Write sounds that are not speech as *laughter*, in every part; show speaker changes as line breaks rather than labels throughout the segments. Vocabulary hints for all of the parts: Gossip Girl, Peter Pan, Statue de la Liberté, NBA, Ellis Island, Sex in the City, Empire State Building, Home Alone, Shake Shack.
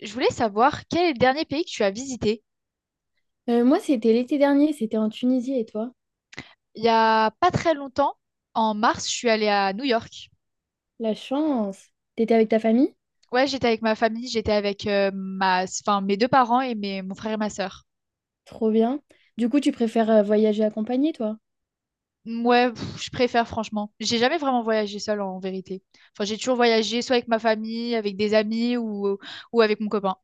Je voulais savoir quel est le dernier pays que tu as visité?
Moi, c'était l'été dernier, c'était en Tunisie et toi?
Il y a pas très longtemps, en mars, je suis allée à New York.
La chance. T'étais avec ta famille?
Ouais, j'étais avec ma famille, j'étais avec ma, enfin, mes deux parents et mes, mon frère et ma sœur.
Trop bien. Du coup, tu préfères voyager accompagné, toi?
Ouais, pff, je préfère franchement. J'ai jamais vraiment voyagé seule en vérité. Enfin, j'ai toujours voyagé soit avec ma famille, avec des amis ou avec mon copain.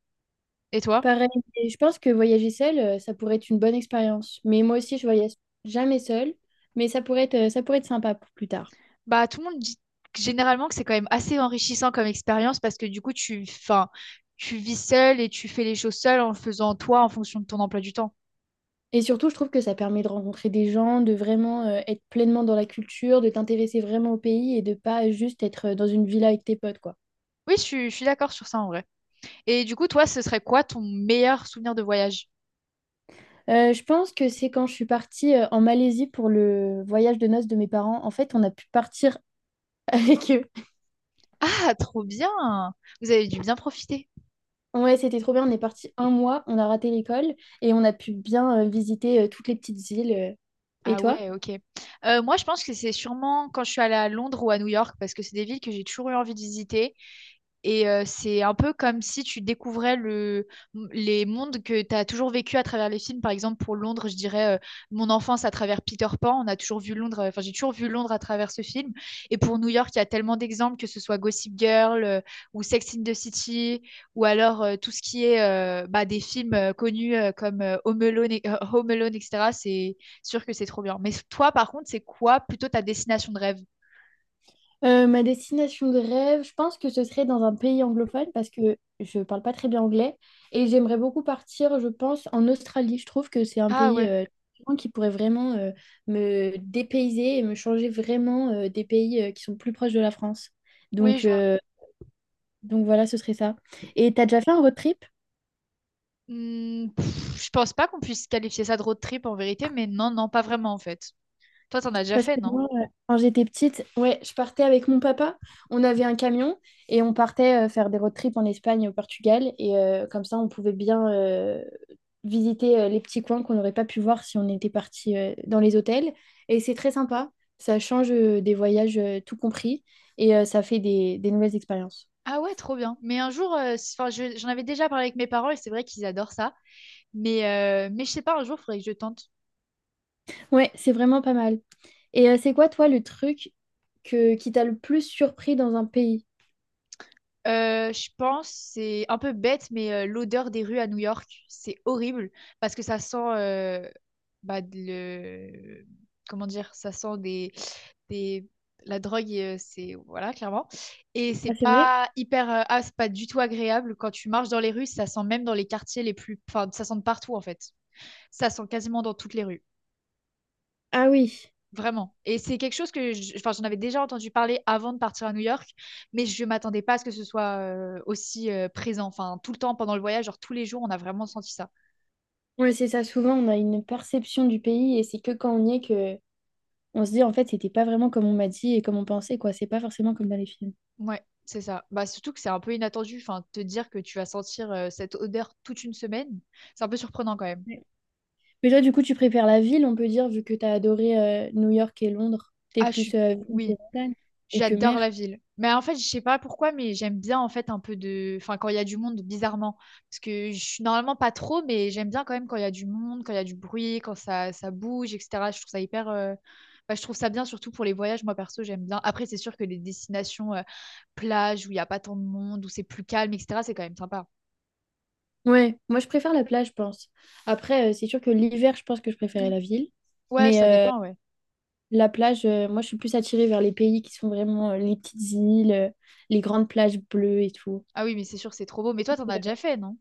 Et toi?
Pareil, et je pense que voyager seul, ça pourrait être une bonne expérience. Mais moi aussi, je voyage jamais seule, mais ça pourrait être sympa pour plus tard.
Bah, tout le monde dit généralement que c'est quand même assez enrichissant comme expérience parce que du coup, tu, enfin, tu vis seule et tu fais les choses seule en faisant toi en fonction de ton emploi du temps.
Et surtout, je trouve que ça permet de rencontrer des gens, de vraiment être pleinement dans la culture, de t'intéresser vraiment au pays et de pas juste être dans une villa avec tes potes, quoi.
Oui, je suis d'accord sur ça en vrai. Et du coup, toi, ce serait quoi ton meilleur souvenir de voyage?
Je pense que c'est quand je suis partie en Malaisie pour le voyage de noces de mes parents. En fait, on a pu partir *laughs* avec eux.
Ah, trop bien! Vous avez dû bien profiter.
Ouais, c'était trop bien. On est parti un mois, on a raté l'école et on a pu bien visiter toutes les petites îles. Et
Ah
toi?
ouais, ok. Moi, je pense que c'est sûrement quand je suis allée à Londres ou à New York, parce que c'est des villes que j'ai toujours eu envie de visiter. Et c'est un peu comme si tu découvrais les mondes que tu as toujours vécu à travers les films. Par exemple, pour Londres, je dirais mon enfance à travers Peter Pan. On a toujours vu Londres, enfin, j'ai toujours vu Londres à travers ce film. Et pour New York, il y a tellement d'exemples, que ce soit Gossip Girl ou Sex in the City, ou alors tout ce qui est bah, des films connus comme Home Alone, Home Alone, etc. C'est sûr que c'est trop bien. Mais toi, par contre, c'est quoi plutôt ta destination de rêve?
Ma destination de rêve, je pense que ce serait dans un pays anglophone parce que je parle pas très bien anglais et j'aimerais beaucoup partir, je pense, en Australie. Je trouve que c'est un
Ah
pays
ouais,
qui pourrait vraiment me dépayser et me changer vraiment des pays qui sont plus proches de la France.
oui,
Donc,
je vois.
euh, donc, voilà, ce serait ça. Et t'as déjà fait un road trip?
Hmm, pff, je pense pas qu'on puisse qualifier ça de road trip en vérité, mais non, non, pas vraiment en fait. Toi, t'en as déjà
Parce
fait,
que
non?
moi, quand j'étais petite, ouais, je partais avec mon papa. On avait un camion et on partait faire des road trips en Espagne, au Portugal. Et comme ça, on pouvait bien visiter les petits coins qu'on n'aurait pas pu voir si on était parti dans les hôtels. Et c'est très sympa. Ça change des voyages tout compris et ça fait des nouvelles expériences.
Ah ouais, trop bien. Mais un jour, enfin, j'en avais déjà parlé avec mes parents et c'est vrai qu'ils adorent ça. Mais, mais je sais pas, un jour, il faudrait que je tente.
Ouais, c'est vraiment pas mal. C'est quoi, toi, le truc qui t'a le plus surpris dans un pays?
Je pense, c'est un peu bête, mais l'odeur des rues à New York, c'est horrible parce que ça sent, bah, de le... comment dire, ça sent des... la drogue, c'est voilà, clairement. Et c'est
Ah, c'est vrai?
pas hyper, c'est pas du tout agréable quand tu marches dans les rues, ça sent même dans les quartiers les plus, enfin, ça sent de partout en fait. Ça sent quasiment dans toutes les rues.
Ah oui.
Vraiment. Et c'est quelque chose que enfin, j'en avais déjà entendu parler avant de partir à New York, mais je m'attendais pas à ce que ce soit aussi présent. Enfin, tout le temps pendant le voyage, genre tous les jours, on a vraiment senti ça.
Ouais, c'est ça. Souvent, on a une perception du pays et c'est que quand on y est que on se dit en fait, c'était pas vraiment comme on m'a dit et comme on pensait, quoi. C'est pas forcément comme dans les films.
Ouais, c'est ça. Bah, surtout que c'est un peu inattendu. Enfin, te dire que tu vas sentir cette odeur toute une semaine, c'est un peu surprenant quand même.
Ouais. Mais toi, du coup, tu préfères la ville, on peut dire, vu que t'as adoré New York et Londres. T'es
Ah, je
plus
suis.
ville que
Oui.
montagne et que
J'adore la
mer.
ville. Mais en fait, je sais pas pourquoi, mais j'aime bien en fait un peu de... Enfin, quand il y a du monde, bizarrement. Parce que je suis normalement pas trop, mais j'aime bien quand même quand il y a du monde, quand il y a du bruit, quand ça bouge, etc. Je trouve ça hyper... enfin, je trouve ça bien, surtout pour les voyages. Moi, perso, j'aime bien. Après, c'est sûr que les destinations plages où il y a pas tant de monde, où c'est plus calme, etc., c'est quand même sympa.
Ouais, moi, je préfère la plage, je pense. Après, c'est sûr que l'hiver, je pense que je préférais
Mm.
la ville.
Ouais,
Mais
ça
euh,
dépend, ouais.
la plage, moi, je suis plus attirée vers les pays qui sont vraiment les petites îles, les grandes plages bleues et tout.
Ah oui, mais c'est sûr que c'est trop beau. Mais toi, t'en as déjà fait, non?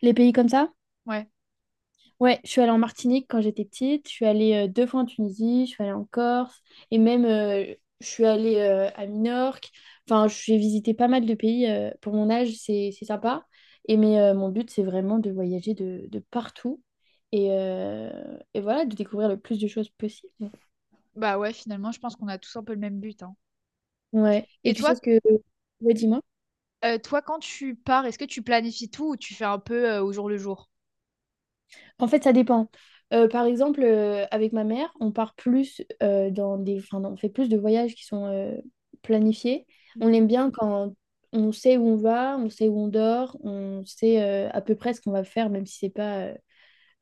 Les pays comme ça?
Ouais.
Ouais, je suis allée en Martinique quand j'étais petite, je suis allée deux fois en Tunisie, je suis allée en Corse et même je suis allée à Minorque. Enfin, j'ai visité pas mal de pays pour mon âge, c'est sympa. Mon but, c'est vraiment de voyager de partout et, euh, et voilà, de découvrir le plus de choses possible.
Bah ouais, finalement, je pense qu'on a tous un peu le même but, hein.
Ouais. Et
Et
tu sais
toi,
ce que... Ouais, dis-moi.
Toi, quand tu pars, est-ce que tu planifies tout ou tu fais un peu au jour le jour?
En fait, ça dépend. Par exemple, avec ma mère, on part plus dans des... Enfin, on fait plus de voyages qui sont planifiés. On
Mm.
aime bien quand on sait où on va, on sait où on dort, on sait à peu près ce qu'on va faire, même si c'est pas...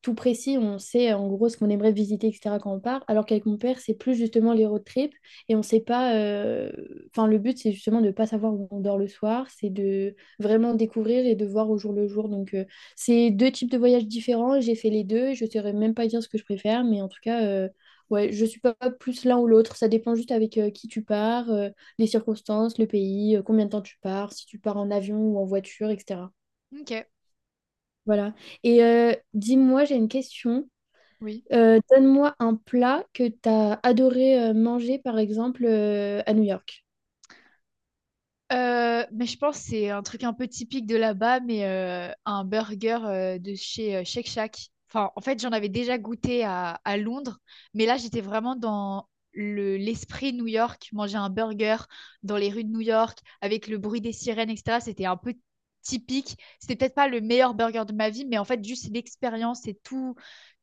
tout précis, on sait en gros ce qu'on aimerait visiter, etc. quand on part, alors qu'avec mon père, c'est plus justement les road trips et on sait pas. Enfin, le but, c'est justement de ne pas savoir où on dort le soir, c'est de vraiment découvrir et de voir au jour le jour. Donc, c'est deux types de voyages différents. J'ai fait les deux et je ne saurais même pas dire ce que je préfère, mais en tout cas, ouais, je suis pas plus l'un ou l'autre. Ça dépend juste avec qui tu pars, les circonstances, le pays, combien de temps tu pars, si tu pars en avion ou en voiture, etc.
Ok,
Voilà. Dis-moi, j'ai une question.
oui.
Donne-moi un plat que tu as adoré manger, par exemple, à New York.
Mais je pense que c'est un truc un peu typique de là-bas, mais un burger de chez Shake Shack. Enfin, en fait, j'en avais déjà goûté à Londres, mais là, j'étais vraiment dans l'esprit New York, manger un burger dans les rues de New York, avec le bruit des sirènes, etc. C'était un peu typique. C'était peut-être pas le meilleur burger de ma vie, mais en fait, juste l'expérience et tout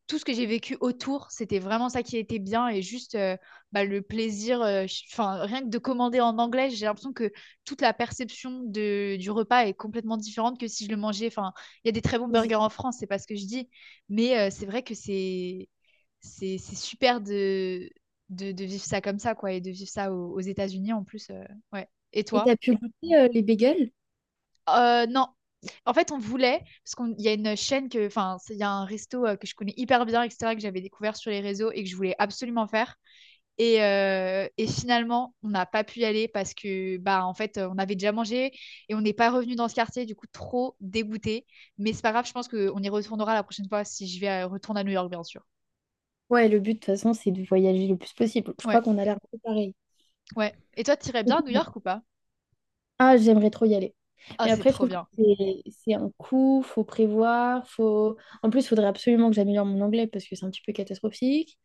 tout ce que j'ai vécu autour, c'était vraiment ça qui était bien et juste bah, le plaisir. Enfin, rien que de commander en anglais, j'ai l'impression que toute la perception du repas est complètement différente que si je le mangeais. Enfin, il y a des très bons
Vas-y.
burgers en France, c'est pas ce que je dis, mais c'est vrai que c'est super de vivre ça comme ça quoi et de vivre ça aux États-Unis en plus. Ouais. Et
Et tu
toi?
as pu goûter les bagels?
Non. En fait, on voulait, parce qu'il y a une chaîne que, enfin, il y a un resto que je connais hyper bien, etc., que j'avais découvert sur les réseaux et que je voulais absolument faire. Et finalement, on n'a pas pu y aller parce que, bah, en fait, on avait déjà mangé et on n'est pas revenu dans ce quartier, du coup, trop dégoûté. Mais c'est pas grave, je pense qu'on y retournera la prochaine fois si je vais retourner à New York, bien sûr.
Ouais, le but, de toute façon, c'est de voyager le plus possible. Je
Ouais,
crois qu'on a l'air un pareil.
ouais. Et toi, t'irais bien à New
Ok.
York ou pas?
Ah, j'aimerais trop y aller.
Ah,
Mais
c'est
après, je
trop
trouve que
bien.
c'est un coup, faut prévoir, faut... En plus, il faudrait absolument que j'améliore mon anglais parce que c'est un petit peu catastrophique.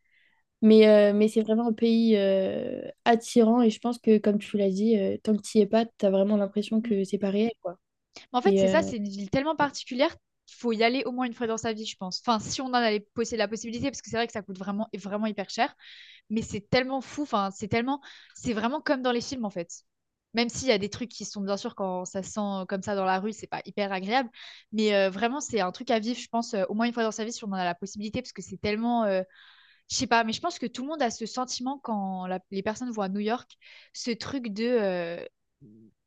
Mais c'est vraiment un pays attirant et je pense que, comme tu l'as dit, tant que tu y es pas, tu as vraiment l'impression
Mm.
que c'est pas réel, quoi.
En fait,
Et
c'est ça,
euh,
c'est une ville tellement particulière qu'il faut y aller au moins une fois dans sa vie, je pense. Enfin, si on en avait la possibilité, parce que c'est vrai que ça coûte vraiment, vraiment hyper cher, mais c'est tellement fou, enfin, c'est tellement, c'est vraiment comme dans les films, en fait. Même s'il y a des trucs qui sont, bien sûr, quand ça se sent comme ça dans la rue, c'est pas hyper agréable, mais vraiment, c'est un truc à vivre, je pense, au moins une fois dans sa vie, si on en a la possibilité, parce que c'est tellement, je sais pas, mais je pense que tout le monde a ce sentiment quand les personnes vont à New York, ce truc de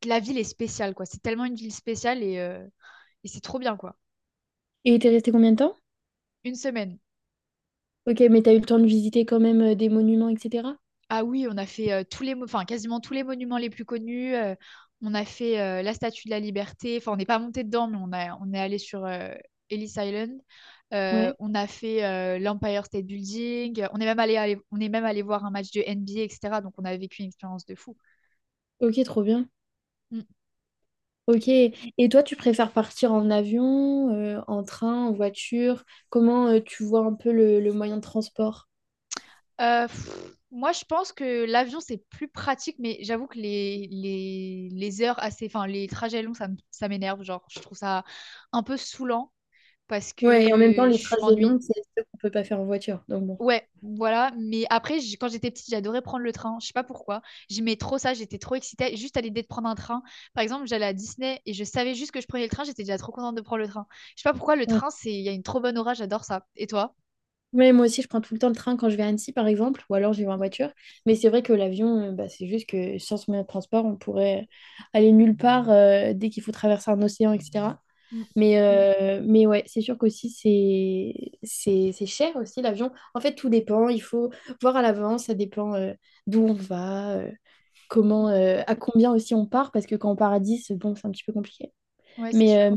la ville est spéciale, quoi. C'est tellement une ville spéciale et c'est trop bien, quoi.
et t'es resté combien de temps?
Une semaine.
Ok, mais t'as eu le temps de visiter quand même des monuments, etc.
Ah oui, on a fait tous les, enfin quasiment tous les monuments les plus connus. On a fait la Statue de la Liberté. Enfin, on n'est pas monté dedans, mais on est allé sur Ellis Island.
Ouais.
On a fait l'Empire State Building. On est même on est même allé voir un match de NBA, etc. Donc, on a vécu une expérience de fou.
Ok, trop bien.
Mm.
Ok. Et toi, tu préfères partir en avion, en train, en voiture? Comment tu vois un peu le moyen de transport?
Euh, pff, moi, je pense que l'avion, c'est plus pratique, mais j'avoue que les heures assez, enfin, les trajets longs, ça m'énerve. Genre, je trouve ça un peu saoulant parce que
Ouais, et en même temps, les
je
trajets longs,
m'ennuie.
c'est ceux qu'on peut pas faire en voiture. Donc bon.
Ouais, voilà. Mais après, quand j'étais petite, j'adorais prendre le train. Je sais pas pourquoi. J'aimais trop ça. J'étais trop excitée. Juste à l'idée de prendre un train. Par exemple, j'allais à Disney et je savais juste que je prenais le train. J'étais déjà trop contente de prendre le train. Je sais pas pourquoi le
Ouais.
train, il y a une trop bonne aura. J'adore ça. Et toi?
Ouais, moi aussi, je prends tout le temps le train quand je vais à Annecy, par exemple, ou alors j'y vais en voiture. Mais c'est vrai que l'avion, bah, c'est juste que sans ce moyen de transport, on pourrait aller nulle part dès qu'il faut traverser un océan, etc.
Mm,
Mais ouais, c'est sûr qu'aussi, c'est cher aussi l'avion. En fait, tout dépend. Il faut voir à l'avance. Ça dépend d'où on va, comment,
mm.
à combien aussi on part. Parce que quand on part à 10, bon, c'est un petit peu compliqué.
Ouais, c'est
Mais,
sûr.
euh,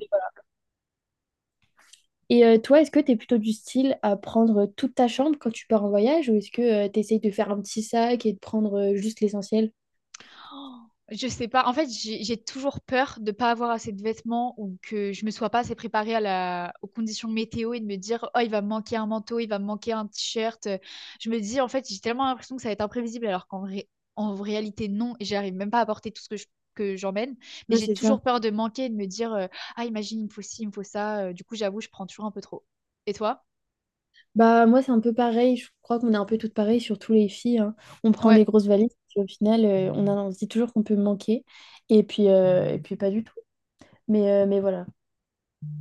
et toi, est-ce que tu es plutôt du style à prendre toute ta chambre quand tu pars en voyage ou est-ce que tu essayes de faire un petit sac et de prendre juste l'essentiel?
Oh, je sais pas. En fait, j'ai toujours peur de pas avoir assez de vêtements ou que je me sois pas assez préparée à la... aux conditions météo et de me dire, oh, il va me manquer un manteau, il va me manquer un t-shirt. Je me dis, en fait, j'ai tellement l'impression que ça va être imprévisible alors en réalité, non. Et j'arrive même pas à porter tout ce que que j'emmène. Mais
Ouais,
j'ai
c'est ça.
toujours peur de manquer et de me dire, ah, imagine, il me faut ci, il me faut ça. Du coup, j'avoue, je prends toujours un peu trop. Et toi?
Bah, moi, c'est un peu pareil. Je crois qu'on est un peu toutes pareilles, surtout les filles, hein. On prend
Ouais.
des grosses valises, puis au final, on se dit toujours qu'on peut manquer. Et puis pas du tout. Mais voilà.